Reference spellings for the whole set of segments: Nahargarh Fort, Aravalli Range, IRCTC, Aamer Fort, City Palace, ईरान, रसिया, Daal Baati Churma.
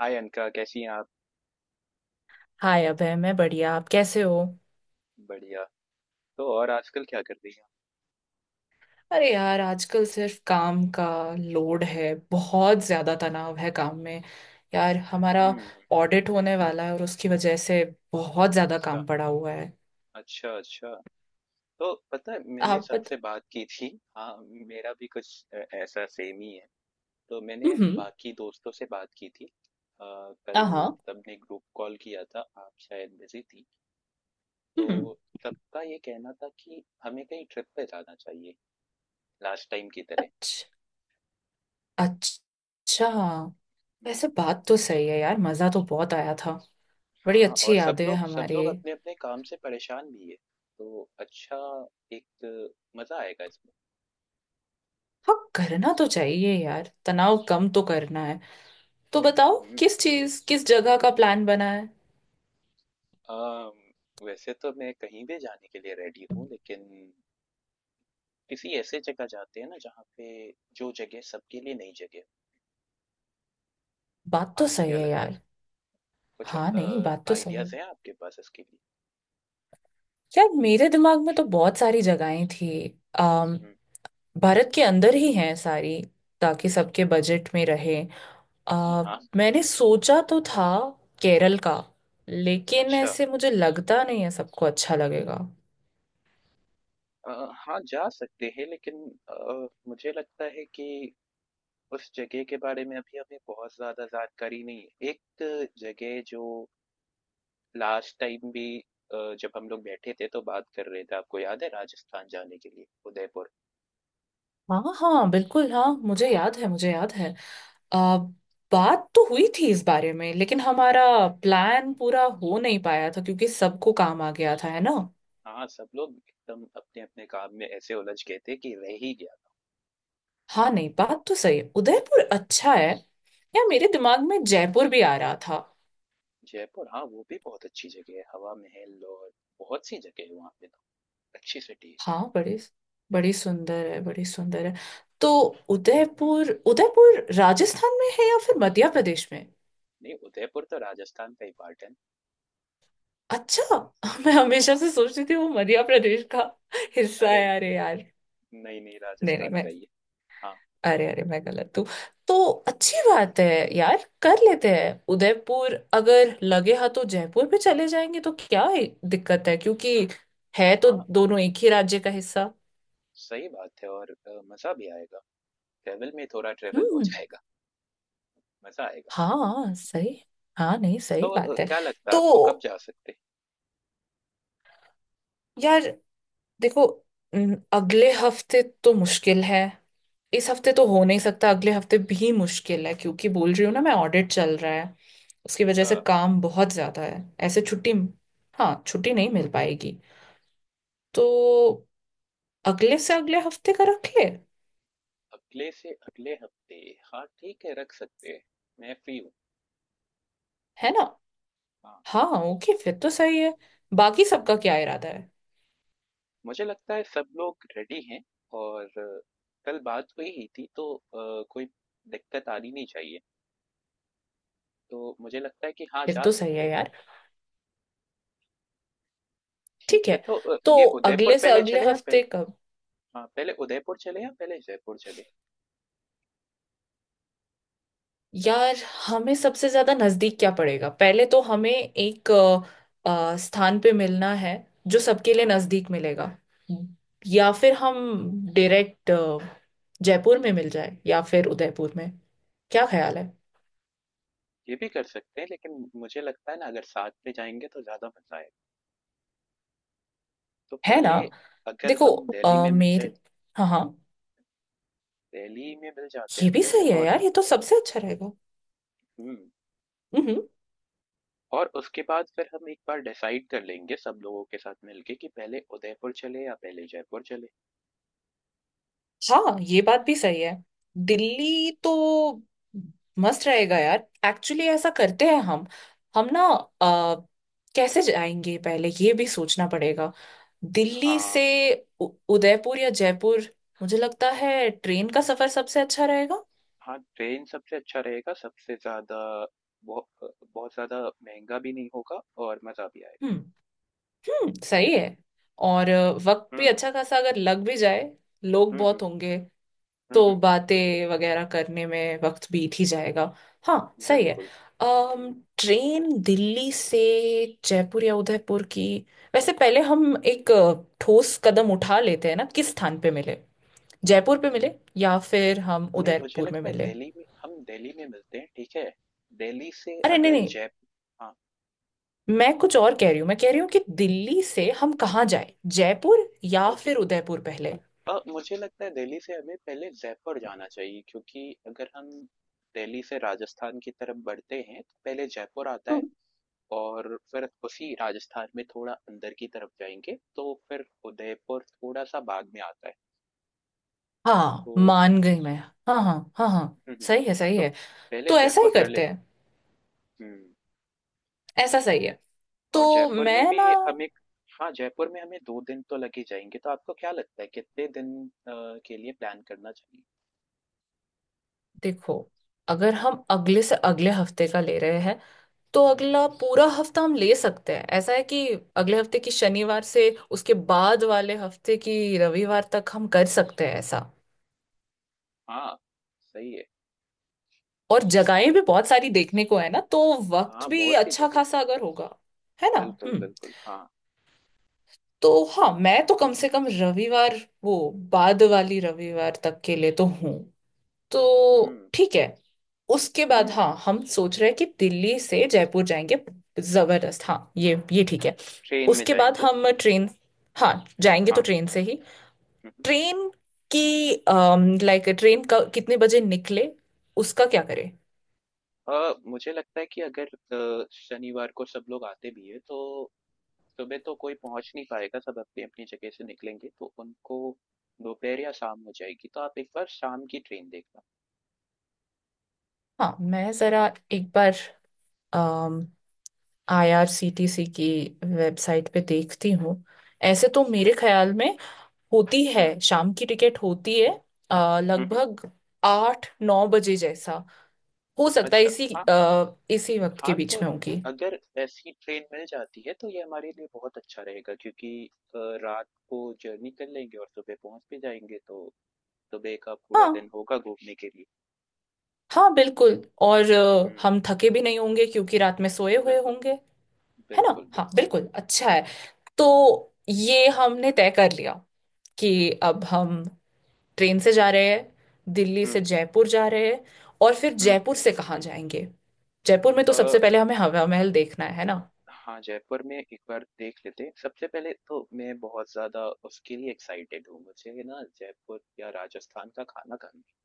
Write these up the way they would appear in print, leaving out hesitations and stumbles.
हाय अनका कैसी हैं आप। हाय अभय, मैं बढ़िया। आप कैसे हो? बढ़िया। तो और आजकल क्या कर रही हैं। अरे यार, आजकल सिर्फ काम का लोड है। बहुत ज्यादा तनाव है काम में। यार हमारा हम्म। ऑडिट होने वाला है और उसकी वजह से बहुत ज्यादा अच्छा। काम पड़ा हुआ है। अच्छा। तो पता है मैंने आप बत सबसे बात की थी। हाँ, मेरा भी कुछ ऐसा सेम ही है। तो मैंने हम्म। बाकी दोस्तों से बात की थी। कल हाँ हाँ, सबने ग्रुप कॉल किया था, आप शायद बिजी थी। तो हम्म। सबका ये कहना था कि हमें कहीं ट्रिप पे जाना चाहिए, लास्ट टाइम की तरह। अच्छा अच्छा। हम्म। वैसे बात तो सही है यार, मजा तो बहुत आया था। बड़ी हाँ, अच्छी और सब यादें हैं लोग सब हमारी। लोग अपने-अपने काम से परेशान भी है। तो अच्छा, एक मज़ा आएगा इसमें। हाँ, करना तो चाहिए यार, तनाव कम तो करना है। तो बताओ, हुँ। किस चीज किस जगह का प्लान बना है? अ, वैसे तो मैं कहीं भी जाने के लिए रेडी हूँ, लेकिन किसी ऐसे जगह जाते हैं ना जहाँ पे जो जगह सबके लिए नई जगह है। बात तो आपको सही क्या है लगता है? यार। कुछ हाँ नहीं, बात तो सही है। आइडियाज़ हैं आपके पास इसके लिए? यार मेरे दिमाग में तो बहुत सारी जगहें थी। अम, हुँ। भारत के अंदर ही हैं सारी, ताकि सबके हाँ, बजट में रहे। हाँ, आ, हाँ। मैंने सोचा तो था केरल का, लेकिन अच्छा। ऐसे मुझे लगता नहीं है सबको अच्छा लगेगा। अ, हाँ, जा सकते हैं लेकिन मुझे लगता है कि उस जगह के बारे में अभी हमें बहुत ज़्यादा जानकारी नहीं है। एक जगह जो लास्ट टाइम भी जब हम लोग बैठे थे तो बात कर रहे थे, आपको याद है, राजस्थान जाने के लिए, उदयपुर। हाँ हाँ बिल्कुल, हाँ मुझे याद है, मुझे याद है। आ, बात तो हुई थी इस बारे में, लेकिन हमारा प्लान पूरा हो नहीं पाया था क्योंकि सबको काम आ गया था, है ना। हाँ, सब लोग एकदम अपने-अपने काम में ऐसे उलझ गए थे कि रह ही गया था। हाँ नहीं, बात तो सही है, उदयपुर अच्छा है। या मेरे दिमाग में जयपुर भी आ रहा था। जयपुर, हाँ, वो भी बहुत अच्छी जगह है, हवा महल और बहुत सी जगह है वहाँ पे तो, अच्छी सिटी है। हाँ बड़ी, बड़ी सुंदर है, बड़ी सुंदर है। तो हुँ, उदयपुर, उदयपुर राजस्थान में है या फिर मध्य प्रदेश में? नहीं उदयपुर तो राजस्थान का ही पार्ट है। अच्छा। मैं हमेशा हाँ, से सोचती थी वो मध्य प्रदेश का हिस्सा अरे है। अरे नहीं, यार, नहीं, नहीं नहीं नहीं राजस्थान मैं का ही है। हाँ, अरे अरे, मैं गलत हूँ। तो अच्छी बात है। यार कर लेते हैं उदयपुर, अगर लगे हाँ तो जयपुर भी चले जाएंगे, तो क्या ही दिक्कत है क्योंकि है तो हाँ दोनों एक ही राज्य का हिस्सा। सही बात है और मज़ा भी आएगा। ट्रैवल में थोड़ा ट्रैवल हो हम्म, जाएगा, मज़ा आएगा। हाँ सही। हाँ नहीं, सही तो बात है। क्या लगता है आपको कब तो जा सकते हैं? यार देखो, अगले हफ्ते तो मुश्किल है। इस हफ्ते हुँ, तो हुँ। हो नहीं सकता, अगले हफ्ते भी मुश्किल है क्योंकि बोल रही हूँ ना, मैं ऑडिट चल रहा है, उसकी वजह अच्छा। से काम बहुत ज्यादा है। ऐसे छुट्टी, हाँ छुट्टी नहीं मिल पाएगी। तो अगले से अगले हफ्ते का रख ले, अगले से अगले हफ्ते, हाँ, ठीक है रख सकते हैं, मैं फ्री हूँ। है ना। हाँ, हाँ, ओके फिर तो सही है। बाकी सबका क्या इरादा है? मुझे लगता है सब लोग रेडी हैं और कल बात हुई ही थी तो कोई दिक्कत आनी नहीं चाहिए। तो मुझे लगता है कि हाँ, फिर जा तो सही सकते है हैं। यार। ठीक ठीक है है, तो तो ये उदयपुर अगले से पहले अगले चले या पहले, हफ्ते का। हाँ, पहले उदयपुर चले या पहले जयपुर चले? यार हमें सबसे ज्यादा नजदीक क्या पड़ेगा? पहले तो हमें एक स्थान पे मिलना है जो सबके लिए नजदीक मिलेगा, या फिर हम डायरेक्ट जयपुर में मिल जाए या फिर उदयपुर में। क्या ख्याल है? ये भी कर सकते हैं, लेकिन मुझे लगता है ना अगर साथ में जाएँगे तो ज़्यादा मज़ा आएगा। तो है पहले ना अगर देखो, हम दिल्ली में मिल जाए, मेरे, हाँ हाँ, दिल्ली में मिल जाते हैं ये हम भी पहले सही है और यार, ये तो सबसे अच्छा रहेगा। हुँ, हम्म, हम्म। और उसके बाद फिर हम एक बार डिसाइड कर लेंगे सब लोगों के साथ मिल के कि पहले उदयपुर चले या पहले जयपुर चले। हाँ, ये बात भी सही है। दिल्ली तो मस्त रहेगा यार। एक्चुअली ऐसा करते हैं हम, हम ना अ, कैसे जाएंगे पहले, ये भी सोचना पड़ेगा। दिल्ली हाँ, से उ- उदयपुर या जयपुर, मुझे लगता है ट्रेन का सफर सबसे अच्छा रहेगा। हाँ, ट्रेन सबसे अच्छा रहेगा, सबसे ज़्यादा बहु अ, बहुत ज़्यादा महँगा भी नहीं होगा और मज़ा भी आएगा। हम्म, सही है। और वक्त हुँ, भी अच्छा खासा अगर लग भी जाए, लोग हुँ, बहुत हुँ, होंगे हुँ, तो हुँ, बातें वगैरह करने में वक्त बीत ही जाएगा। हाँ सही है। बिल्कुल। अम ट्रेन दिल्ली से जयपुर या उदयपुर की। वैसे पहले हम एक ठोस कदम उठा लेते हैं ना, किस स्थान पे मिले, जयपुर पे मिले या फिर हम नहीं मुझे उदयपुर में लगता है मिले। दिल्ली में, हम दिल्ली में मिलते हैं, ठीक है। दिल्ली से अरे नहीं अगर नहीं, जयपुर, हाँ, मैं कुछ और कह रही हूँ। मैं कह रही हूँ कि दिल्ली से हम कहाँ जाए, जयपुर या ओके, फिर उदयपुर पहले? मुझे लगता है दिल्ली से हमें पहले जयपुर जाना चाहिए क्योंकि अगर हम दिल्ली से राजस्थान की तरफ बढ़ते हैं तो पहले जयपुर आता है हम्म, और फिर उसी राजस्थान में थोड़ा अंदर की तरफ जाएंगे तो फिर उदयपुर थोड़ा सा बाद में आता है। हाँ तो मान गई मैं। हाँ हाँ हाँ हाँ, हम्म, हम्म, सही है सही तो है। पहले तो ऐसा ही जयपुर कर करते लेते हैं, हैं। हम्म। ऐसा सही है। तो और जयपुर में मैं ना, भी हम एक, हाँ जयपुर में हमें दो दिन तो लग ही जाएंगे तो आपको क्या लगता है कितने दिन अ, के लिए प्लान करना चाहिए। देखो अगर हम अगले से अगले हफ्ते का ले रहे हैं, तो अगला पूरा हफ्ता हम ले सकते हैं। ऐसा है कि अगले हफ्ते की शनिवार से उसके बाद वाले हफ्ते की रविवार तक हम कर सकते हैं, ऐसा। हाँ सही है। और जगहें भी सही- बहुत सारी देखने को है ना, तो हाँ वक्त भी बहुत सी अच्छा जगह, खासा अगर होगा, है ना। बिल्कुल हम्म, बिल्कुल, हाँ। तो हाँ, मैं तो कम से कम रविवार, वो बाद वाली रविवार तक के लिए तो हूँ। तो हम्म, ठीक है। उसके हम्म। बाद हाँ, हम सोच रहे हैं कि दिल्ली से जयपुर जाएंगे। जबरदस्त, हाँ ये ठीक है। ट्रेन में उसके बाद जाएंगे, हम ट्रेन, हाँ जाएंगे तो हाँ, ट्रेन से ही। हम्म, हम्म। ट्रेन की, लाइक ट्रेन का कितने बजे निकले, उसका क्या करें? मुझे लगता है कि अगर शनिवार को सब लोग आते भी है तो सुबह तो कोई पहुंच नहीं पाएगा, सब अपनी अपनी जगह से निकलेंगे तो उनको दोपहर या शाम हो जाएगी, तो आप एक बार शाम की ट्रेन देखना। हाँ, मैं जरा एक बार आईआरसीटीसी की वेबसाइट पे देखती हूँ। ऐसे तो मेरे ख्याल में होती है, हम्म, शाम की टिकट होती है हम्म, लगभग आठ नौ बजे जैसा, हो सकता है अच्छा, इसी वक्त के हाँ, तो बीच में होगी। अगर ऐसी ट्रेन मिल जाती है तो ये हमारे लिए बहुत अच्छा रहेगा क्योंकि अ, रात को जर्नी कर लेंगे और सुबह पहुंच भी जाएंगे तो सुबह का पूरा हाँ दिन होगा घूमने के लिए। हाँ बिल्कुल, और हम्म, हम थके भी नहीं होंगे क्योंकि रात में सोए हुए बिल्कुल, होंगे, है ना। बिल्कुल, हाँ बिल्कुल, बिल्कुल, बिल्कुल। अच्छा है। तो ये हमने तय कर लिया कि अब हम ट्रेन से जा हम्म, रहे हैं, दिल्ली से हम्म, जयपुर जा रहे हैं। और फिर हम्म। जयपुर से कहाँ जाएंगे? जयपुर में तो अ, सबसे पहले हमें हवा महल देखना है ना। हाँ जयपुर में एक बार देख लेते हैं सबसे पहले तो। मैं बहुत ज्यादा उसके लिए एक्साइटेड हूँ, मुझे ना जयपुर या राजस्थान का खाना खाना,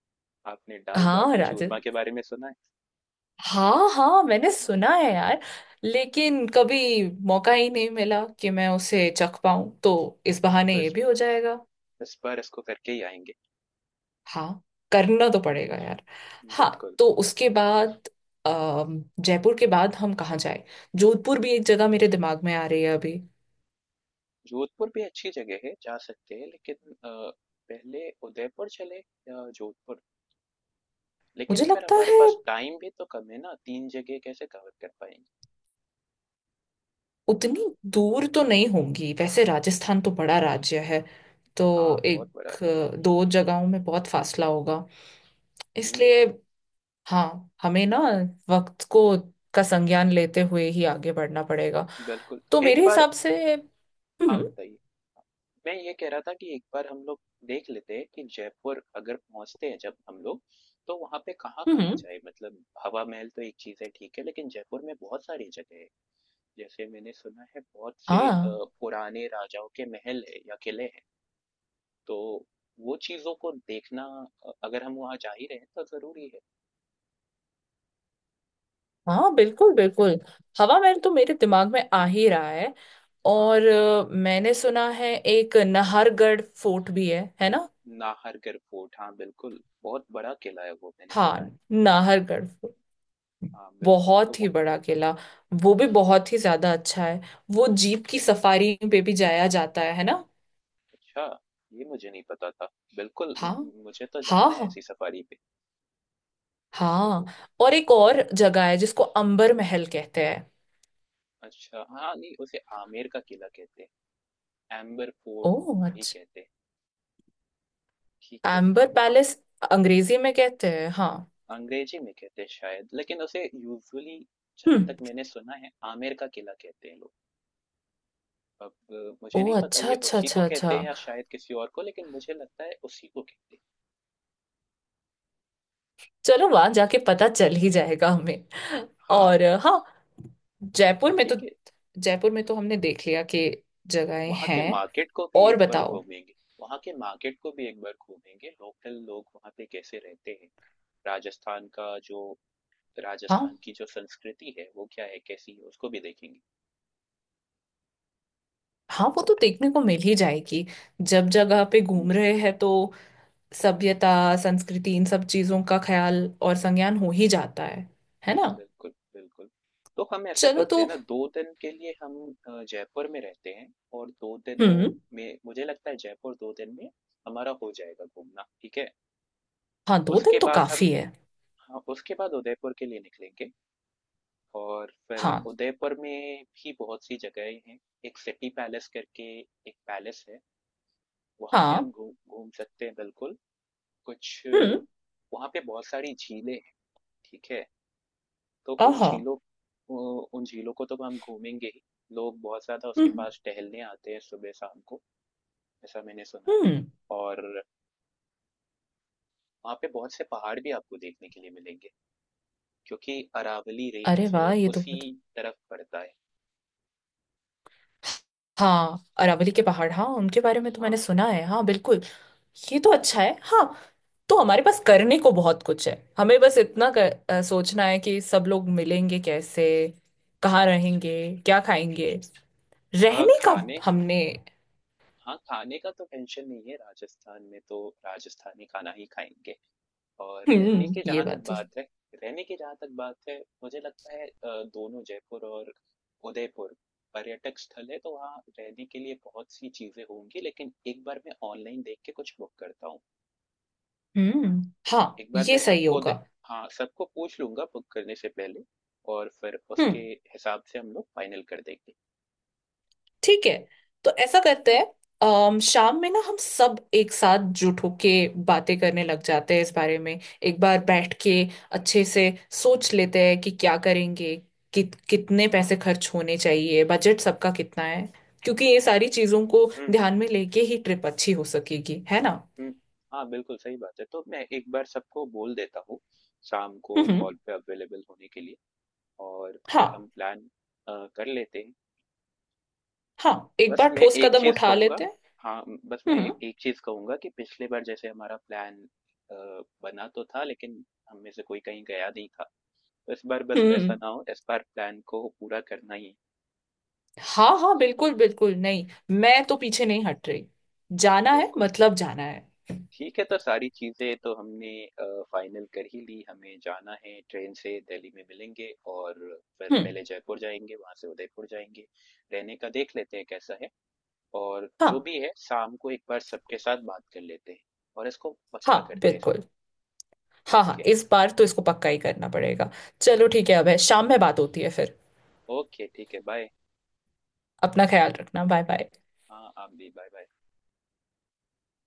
आपने दाल हाँ बाटी राजे, चूरमा के बारे में सुना है? हाँ हाँ मैंने सुना हाँ, है यार, लेकिन कभी मौका ही नहीं मिला कि मैं उसे चख पाऊं, तो इस हाँ बहाने तो ये इस भी हो जाएगा। इस बार इसको करके ही आएंगे। हाँ, करना तो हुँ, पड़ेगा यार। हाँ। बिल्कुल। तो उसके बाद, जयपुर के बाद हम कहाँ जाए? जोधपुर भी एक जगह मेरे दिमाग में आ रही है अभी। जोधपुर भी अच्छी जगह है, जा सकते हैं लेकिन पहले उदयपुर चले या जोधपुर? लेकिन मुझे फिर लगता हमारे है पास टाइम भी तो कम है ना, 3 जगह कैसे कवर कर पाएँगे? उतनी दूर तो नहीं होंगी, वैसे राजस्थान तो बड़ा राज्य है तो हाँ, बहुत एक बड़ा दो जगहों में बहुत फासला होगा, है। हुँ, इसलिए हाँ, हमें ना वक्त को का संज्ञान लेते हुए ही आगे बढ़ना पड़ेगा। बिल्कुल। तो एक मेरे बार, हिसाब से, हाँ, हम्म। बताइए। मैं ये कह रहा था कि एक बार हम लोग देख लेते हैं कि जयपुर अगर पहुँचते हैं जब हम लोग, तो वहाँ पे कहाँ-कहाँ हम्म, जाएँ? मतलब हवा महल तो एक चीज़ है ठीक है, लेकिन जयपुर में बहुत सारी जगह है। जैसे मैंने सुना है बहुत से हाँ पुराने राजाओं के महल है या किले हैं, तो वो चीजों को देखना, अगर हम वहाँ जा ही रहे हैं तो जरूरी है। हाँ बिल्कुल बिल्कुल। हवा महल तो मेरे दिमाग में आ ही रहा है, हाँ और मैंने सुना है एक नाहरगढ़ फोर्ट भी है ना। नाहरगढ़ फोर्ट, हाँ बिल्कुल बहुत बड़ा किला है वो, मैंने हाँ, सुना है। नाहरगढ़ फोर्ट, हाँ बिल्कुल, तो बहुत ही वहाँ बड़ा किला, वो भी बहुत ही ज्यादा अच्छा है। वो जीप की सफारी पे भी जाया जाता है ना। अच्छा, ये मुझे नहीं पता था। बिल्कुल, हाँ मुझे तो हाँ जाना है हाँ। ऐसी सफारी पे। हाँ, और एक और जगह है जिसको अंबर महल कहते हैं। अच्छा, हाँ नहीं उसे आमेर का किला कहते हैं, एम्बर फोर्ट ओह भी अच्छा, कहते हैं, ठीक है अंबर हाँ वहाँ। पैलेस अंग्रेजी में कहते हैं, हाँ। अंग्रेजी में कहते हैं शायद, लेकिन उसे यूजुअली जहां हम्म। तक मैंने सुना है आमेर का किला कहते हैं लोग। अब मुझे नहीं ओह पता अच्छा ये अच्छा उसी को अच्छा कहते अच्छा, हैं या शायद किसी और को, लेकिन मुझे लगता है उसी को कहते हैं। चलो वहां जाके पता चल ही जाएगा हमें। हाँ, और हाँ, जयपुर में तो, ठीक है। जयपुर में तो हमने देख लिया कि जगहें वहाँ के हैं। मार्केट को भी और एक बार बताओ? घूमेंगे, वहाँ के मार्केट को भी एक बार घूमेंगे, लोकल लोग वहाँ पे कैसे रहते हैं, राजस्थान का जो, हाँ राजस्थान की जो संस्कृति है वो क्या है, कैसी है, उसको भी देखेंगे। हाँ, वो तो देखने को मिल ही जाएगी, जब जगह पे हम्म, घूम रहे हैं तो। सभ्यता, संस्कृति, इन सब चीजों का ख्याल और संज्ञान हो ही जाता है ना। बिल्कुल, बिल्कुल। तो हम ऐसा चलो करते हैं तो, ना, 2 दिन के लिए हम जयपुर में रहते हैं और 2 दिनों हम्म। में मुझे लगता है जयपुर 2 दिन में हमारा हो जाएगा घूमना, ठीक है? हाँ, दो दिन उसके तो बाद हम, काफी है। हाँ, उसके बाद उदयपुर के लिए निकलेंगे और फिर हाँ। उदयपुर में भी बहुत सी जगहें हैं। एक सिटी पैलेस करके एक पैलेस है, वहाँ पे हम हाँ। घूम घूम सकते हैं बिल्कुल। कुछ हम्म। वहाँ पे बहुत सारी झीलें हैं, ठीक है? तो उन आहा। झीलों, उन झीलों को तो हम घूमेंगे ही, लोग बहुत ज़्यादा उसके हम्म, पास टहलने आते हैं सुबह शाम को, ऐसा मैंने सुना है। हम्म। और वहाँ पे बहुत से पहाड़ भी आपको देखने के लिए मिलेंगे क्योंकि अरावली अरे रेंज वाह, ये तो उसी बहुत। तरफ पड़ता है। हाँ, अरावली के पहाड़, हाँ उनके बारे में तो मैंने हाँ सुना है, हाँ बिल्कुल। ये तो अच्छा है हाँ। तो हमारे पास करने को बहुत कुछ है, हमें बस इतना बिल्कुल। सोचना है कि सब लोग मिलेंगे कैसे, कहाँ रहेंगे, क्या खाएंगे। रहने का, खाने, हमने, हाँ खाने का तो टेंशन नहीं है, राजस्थान में तो राजस्थानी खाना ही खाएंगे। और रहने हम्म, के ये जहाँ तक बात तो, बात है, रहने की जहाँ तक बात है, मुझे लगता है दोनों जयपुर और उदयपुर पर्यटक स्थल है, तो वहाँ रहने के लिए बहुत सी चीजें होंगी, लेकिन एक बार मैं ऑनलाइन देख के कुछ बुक करता हूँ। हम्म। हाँ, एक बार ये मैं सही सबको होगा। दे, हाँ सबको पूछ लूंगा बुक करने से पहले और फिर उसके हम्म, हिसाब से हम लोग फाइनल कर देंगे। ठीक है तो ऐसा करते हम्म, हैं। शाम में ना हम सब एक साथ जुट होके बातें करने लग जाते हैं, इस बारे में एक बार बैठ के अच्छे से सोच लेते हैं कि क्या करेंगे, कितने पैसे खर्च होने चाहिए, बजट सबका कितना है, क्योंकि ये सारी चीजों को हम्म, ध्यान में लेके ही ट्रिप अच्छी हो सकेगी, है ना। हम्म, हाँ बिल्कुल सही बात है। तो मैं एक बार सबको बोल देता हूँ शाम को हम्म। कॉल पे अवेलेबल होने के लिए और फिर हम हाँ, प्लान कर लेते हैं। हाँ एक बस बार मैं ठोस एक कदम चीज उठा कहूंगा, लेते हैं। हाँ, बस मैं हम्म, एक चीज कहूंगा कि पिछली बार जैसे हमारा प्लान बना तो था लेकिन हम में से कोई कहीं गया नहीं था, तो इस बार बस वैसा हम्म। ना हो, इस बार प्लान को पूरा करना ही है। हाँ हाँ बिल्कुल बिल्कुल, नहीं मैं तो पीछे नहीं हट रही, जाना है बिल्कुल। मतलब जाना है। ठीक है, तो सारी चीजें तो हमने फाइनल कर ही ली, हमें जाना है ट्रेन से, दिल्ली में मिलेंगे और फिर हम्म। पहले जयपुर जाएंगे वहां से उदयपुर जाएंगे। रहने का देख लेते हैं कैसा है और जो भी हाँ है शाम को एक बार सबके साथ बात कर लेते हैं और इसको हाँ पक्का करते हैं इस बिल्कुल। बार। हाँ हाँ, ओके, इस बार तो इसको पक्का ही करना पड़ेगा। चलो ठीक है, अब है शाम में बात होती है फिर। ओके ठीक है बाय। अपना ख्याल रखना, बाय बाय। हाँ आप भी बाय बाय।